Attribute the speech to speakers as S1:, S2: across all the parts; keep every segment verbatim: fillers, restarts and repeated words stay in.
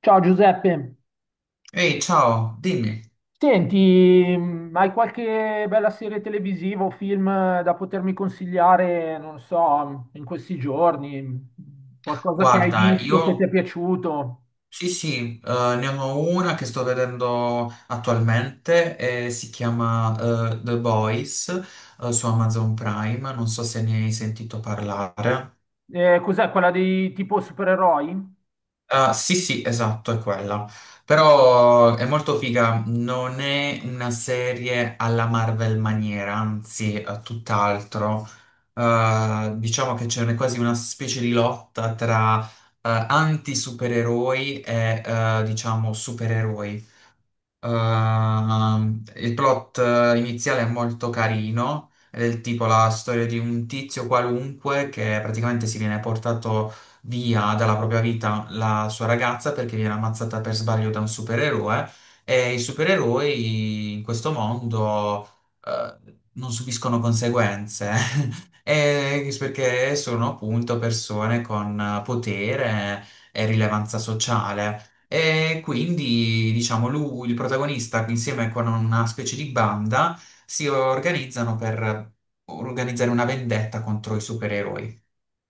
S1: Ciao Giuseppe,
S2: Ehi, ciao, dimmi.
S1: senti, mh, hai qualche bella serie televisiva o film eh, da potermi consigliare, non so, mm, in questi giorni? Mh, Qualcosa che hai
S2: Guarda,
S1: visto che ti è
S2: io
S1: piaciuto?
S2: sì, sì, eh, ne ho una che sto vedendo attualmente e si chiama eh, The Boys eh, su Amazon Prime. Non so se ne hai sentito parlare.
S1: Eh, cos'è quella dei tipo supereroi?
S2: Ah, sì, sì, esatto, è quella. Però è molto figa, non è una serie alla Marvel maniera, anzi, eh, tutt'altro. Eh, diciamo che c'è una- quasi una specie di lotta tra eh, anti-supereroi e eh, diciamo supereroi. Ehm, il plot eh, iniziale è molto carino, è del tipo la storia di un tizio qualunque che praticamente si viene portato via dalla propria vita la sua ragazza perché viene ammazzata per sbaglio da un supereroe e i supereroi in questo mondo eh, non subiscono conseguenze. Eh, perché sono appunto persone con eh, potere e rilevanza sociale. E quindi, diciamo, lui, il protagonista, insieme con una specie di banda, si organizzano per organizzare una vendetta contro i supereroi.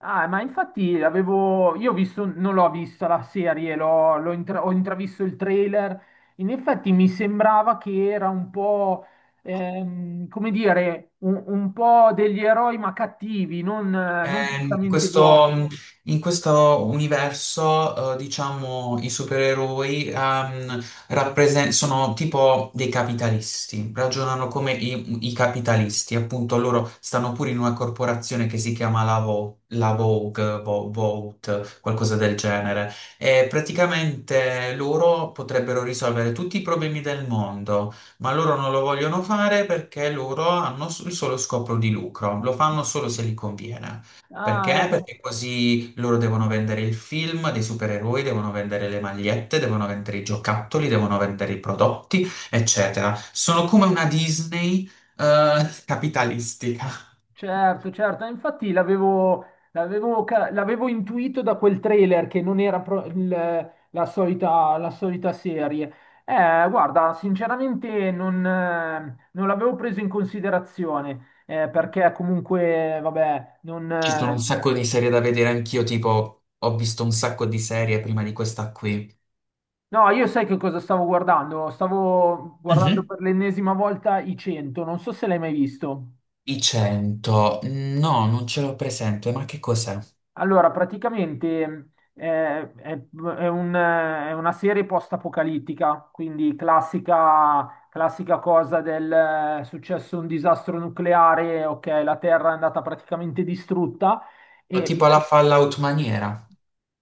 S1: Ah, ma infatti avevo, io ho visto, non l'ho vista la serie, l'ho, l'ho intra- ho intravisto il trailer. In effetti mi sembrava che era un po', ehm, come dire, un, un po' degli eroi ma cattivi, non, eh, non
S2: Eh, in
S1: prettamente buoni.
S2: questo, in questo universo, eh, diciamo, i supereroi ehm, rappresen- sono tipo dei capitalisti, ragionano come i, i capitalisti, appunto loro stanno pure in una corporazione che si chiama la, Vo- la Vogue, Vo- Vogue, qualcosa del genere, e praticamente loro potrebbero risolvere tutti i problemi del mondo, ma loro non lo vogliono fare perché loro hanno s- il solo scopo di lucro, lo fanno solo se gli conviene.
S1: Ah,
S2: Perché?
S1: ecco.
S2: Perché così loro devono vendere il film dei supereroi, devono vendere le magliette, devono vendere i giocattoli, devono vendere i prodotti, eccetera. Sono come una Disney, eh, capitalistica.
S1: Certo, certo, infatti l'avevo l'avevo ca- l'avevo intuito da quel trailer che non era pro- il- la solita, la solita serie. Eh, guarda, sinceramente non, eh, non l'avevo preso in considerazione, eh, perché comunque, vabbè, non...
S2: Ci sono
S1: eh,
S2: un sacco di serie da vedere anch'io, tipo ho visto un sacco di serie prima di questa qui.
S1: no, io sai che cosa stavo guardando? Stavo guardando
S2: Mhm.
S1: per l'ennesima volta i cento, non so se l'hai mai visto.
S2: I cento, no, non ce l'ho presente, ma che cos'è?
S1: Allora, praticamente eh, è, è un- è una serie post-apocalittica, quindi classica, classica cosa del eh, è successo un disastro nucleare, ok, la Terra è andata praticamente distrutta, e,
S2: Tipo la Fallout maniera.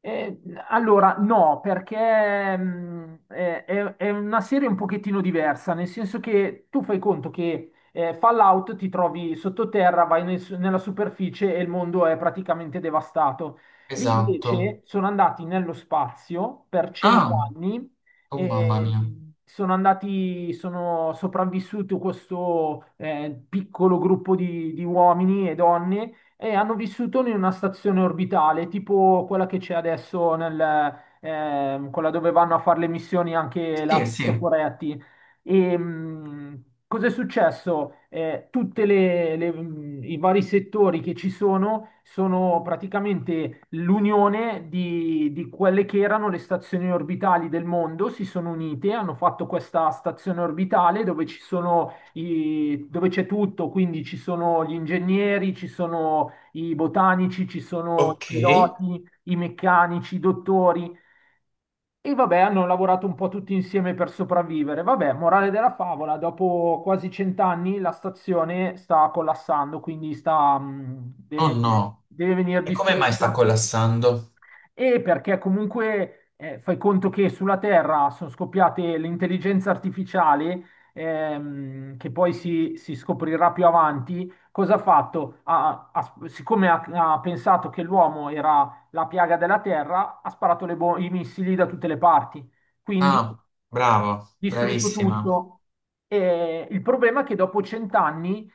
S1: eh, allora, no, perché mh, eh, è, è una serie un pochettino diversa, nel senso che tu fai conto che eh, Fallout ti trovi sottoterra, vai nel- nella superficie e il mondo è praticamente devastato. Lì
S2: Esatto.
S1: invece sono andati nello spazio per
S2: Ah,
S1: cent'anni
S2: oh mamma
S1: e
S2: mia.
S1: sono andati, sono sopravvissuto questo eh, piccolo gruppo di di uomini e donne e hanno vissuto in una stazione orbitale, tipo quella che c'è adesso nel, ehm, quella dove vanno a fare le missioni anche
S2: Sì,
S1: la
S2: sì.
S1: Toporetti. E mh, cosa è successo? Eh, tutti i vari settori che ci sono sono praticamente l'unione di, di quelle che erano le stazioni orbitali del mondo, si sono unite, hanno fatto questa stazione orbitale dove ci sono i- dove c'è tutto, quindi ci sono gli ingegneri, ci sono i botanici, ci sono i
S2: Ok.
S1: piloti, i meccanici, i dottori. E vabbè, hanno lavorato un po' tutti insieme per sopravvivere. Vabbè, morale della favola, dopo quasi cent'anni la stazione sta collassando, quindi sta, mh,
S2: Oh
S1: deve,
S2: no,
S1: deve venire
S2: e come mai sta
S1: distrutta
S2: collassando?
S1: e perché comunque eh, fai conto che sulla Terra sono scoppiate l'intelligenza artificiale, ehm, che poi si, si scoprirà più avanti, cosa ha fatto? Ha- ha- siccome ha, ha pensato che l'uomo era la piaga della Terra, ha sparato le bo- i missili da tutte le parti, quindi
S2: Ah, bravo,
S1: distrutto
S2: bravissima.
S1: tutto. E il problema è che dopo cent'anni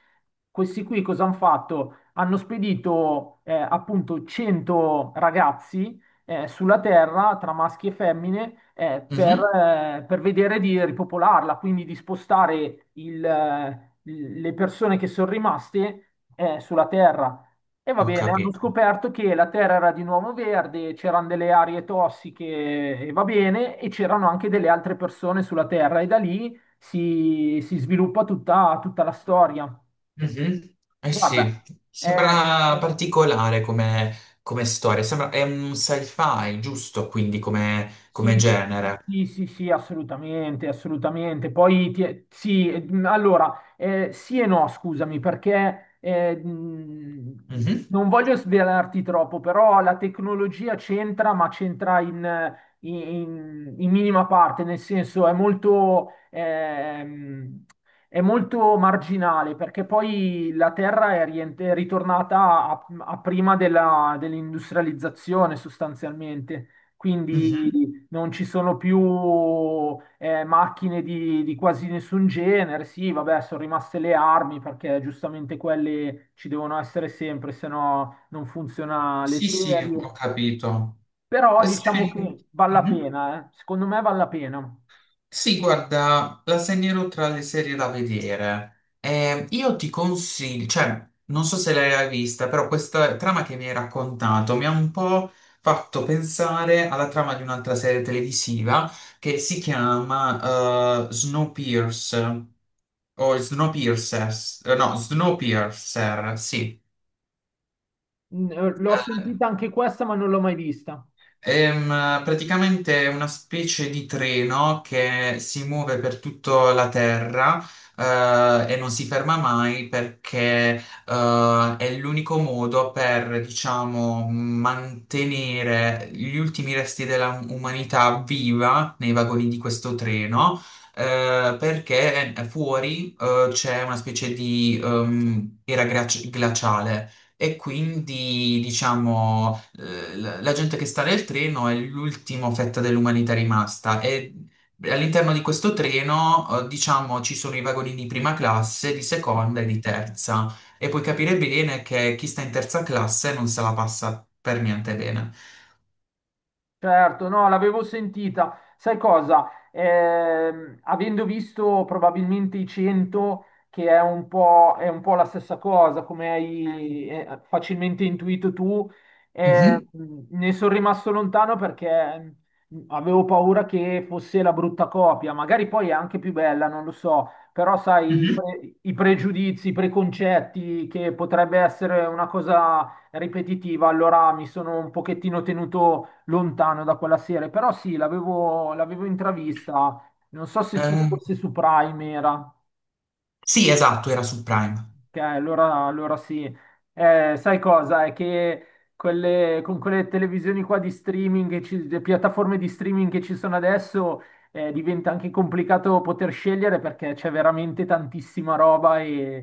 S1: questi qui cosa hanno fatto? Hanno spedito eh, appunto cento ragazzi eh, sulla Terra tra maschi e femmine eh, per,
S2: Mhm.
S1: eh, per vedere di ripopolarla, quindi di spostare il, eh, le persone che sono rimaste eh, sulla Terra. E va
S2: Ho
S1: bene, hanno
S2: capito.
S1: scoperto che la Terra era di nuovo verde, c'erano delle aree tossiche e va bene, e c'erano anche delle altre persone sulla Terra e da lì si, si sviluppa tutta, tutta la storia.
S2: Mhm. Eh sì,
S1: Guarda, è,
S2: sembra particolare come, come storia, sembra, è un sci-fi, giusto? Quindi come, come
S1: sì,
S2: genere.
S1: sì, sì, sì, assolutamente, assolutamente. Poi ti- sì, eh, mh, allora, eh, sì e no, scusami, perché eh, mh,
S2: Mhm,
S1: non voglio svelarti troppo, però la tecnologia c'entra, ma c'entra in, in- in minima parte, nel senso è molto, ehm, è molto marginale, perché poi la Terra è, rient- è ritornata a, a prima della- dell'industrializzazione sostanzialmente.
S2: mhm.
S1: Quindi non ci sono più eh, macchine di, di quasi nessun genere. Sì, vabbè, sono rimaste le armi perché giustamente quelle ci devono essere sempre, se no non funziona le
S2: Sì, sì,
S1: serie.
S2: ho capito.
S1: Però
S2: Eh
S1: diciamo
S2: sì.
S1: che vale la
S2: Mhm.
S1: pena, eh. Secondo me vale la pena.
S2: Sì, guarda, la segnerò tra le serie da vedere. Eh, io ti consiglio, cioè, non so se l'hai vista, però questa trama che mi hai raccontato mi ha un po' fatto pensare alla trama di un'altra serie televisiva che si chiama eh, Snowpiercer o Snowpiercers, eh, no, Snowpiercer, sì.
S1: Mm, eh, L'ho
S2: Eh,
S1: sentita anche questa, ma non l'ho mai vista.
S2: Ehm, praticamente è una specie di treno che si muove per tutta la Terra, eh, e non si ferma mai perché, eh, è l'unico modo per, diciamo, mantenere gli ultimi resti della umanità viva nei vagoni di questo treno, eh, perché fuori, eh, c'è una specie di, ehm, era glaci- glaciale. E quindi, diciamo, eh, la la gente che sta nel treno è l'ultima fetta dell'umanità rimasta e all'interno di questo treno, eh, diciamo, ci sono i vagoni di prima classe, di seconda e di terza e puoi capire bene che chi sta in terza classe non se la passa per niente bene.
S1: Certo, no, l'avevo sentita. Sai cosa? Ehm, avendo visto probabilmente i cento, che è un po', è un po' la stessa cosa, come hai eh, facilmente intuito tu, eh,
S2: Mhm.
S1: ne sono rimasto lontano perché avevo paura che fosse la brutta copia. Magari poi è anche più bella, non lo so, però sai, i
S2: Mhm.
S1: pre- i pregiudizi, i preconcetti, che potrebbe essere una cosa ripetitiva, allora mi sono un pochettino tenuto lontano da quella serie, però sì, l'avevo l'avevo intravista, non so se su,
S2: Eh,
S1: fosse su Prime era,
S2: sì, esatto, era su Prime.
S1: che allora, allora sì. Eh, sai cosa? È che quelle- con quelle televisioni qua di streaming, che ci- le piattaforme di streaming che ci sono adesso, eh, diventa anche complicato poter scegliere perché c'è veramente tantissima roba.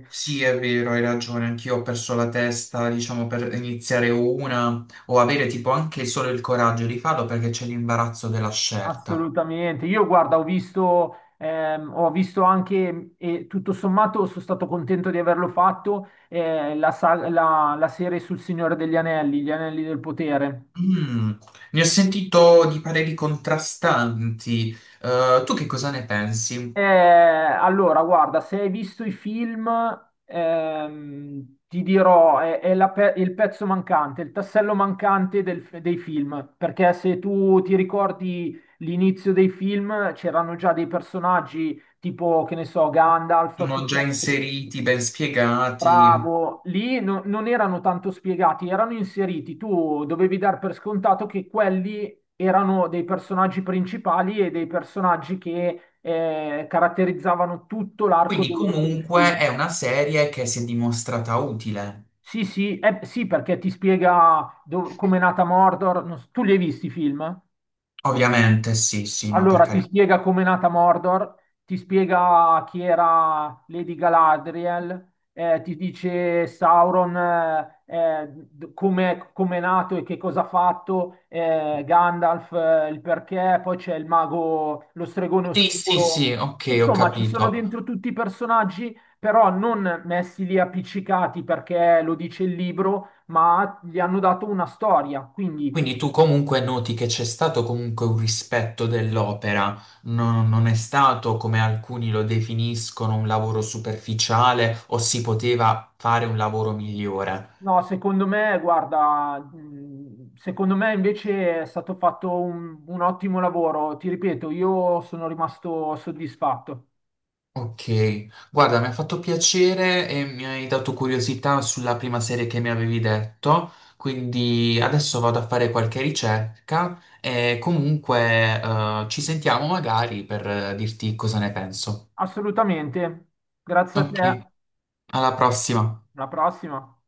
S2: Sì, è vero, hai ragione, anch'io ho perso la testa, diciamo, per iniziare una o avere tipo anche solo il coraggio di farlo perché c'è l'imbarazzo della scelta.
S1: Assolutamente. Io guarda, ho visto, ehm, ho visto anche, e tutto sommato sono stato contento di averlo fatto, eh, la, sa- la- la serie sul Signore degli Anelli, gli Anelli del Potere.
S2: Mm, ne ho sentito di pareri contrastanti. Eh, tu che cosa ne
S1: Eh,
S2: pensi?
S1: allora, guarda, se hai visto i film, ehm, ti dirò, è, è la pe- il pezzo mancante, il tassello mancante del- dei film, perché se tu ti ricordi l'inizio dei film, c'erano già dei personaggi tipo, che ne so, Gandalf,
S2: Sono già
S1: piuttosto-
S2: inseriti, ben spiegati.
S1: Bravo, lì no- non erano tanto spiegati, erano inseriti. Tu dovevi dar per scontato che quelli erano dei personaggi principali e dei personaggi che eh, caratterizzavano tutto l'arco
S2: Quindi
S1: dei, dei film.
S2: comunque è una serie che si è dimostrata utile.
S1: Sì, sì, eh, sì, perché ti spiega come è nata Mordor. Non so- Tu li hai visti i film?
S2: Ovviamente, sì, sì, no, per
S1: Allora, ti
S2: carità.
S1: spiega com'è nata Mordor, ti spiega chi era Lady Galadriel, eh, ti dice Sauron eh, eh, d- com'è, com'è nato e che cosa ha fatto, eh, Gandalf eh, il perché, poi c'è il mago, lo stregone
S2: Sì, sì, sì,
S1: oscuro.
S2: ok, ho
S1: Insomma, ci sono dentro
S2: capito.
S1: tutti i personaggi, però non messi lì appiccicati perché lo dice il libro, ma gli hanno dato una storia, quindi
S2: Quindi tu comunque noti che c'è stato comunque un rispetto dell'opera. No, non è stato come alcuni lo definiscono un lavoro superficiale o si poteva fare un lavoro migliore.
S1: no, secondo me, guarda, mh, secondo me invece è stato fatto un, un ottimo lavoro. Ti ripeto, io sono rimasto soddisfatto.
S2: Ok, guarda, mi ha fatto piacere e mi hai dato curiosità sulla prima serie che mi avevi detto, quindi adesso vado a fare qualche ricerca e comunque eh, ci sentiamo magari per eh, dirti cosa ne penso.
S1: Assolutamente. Grazie a
S2: Ok,
S1: te.
S2: alla prossima.
S1: Alla prossima.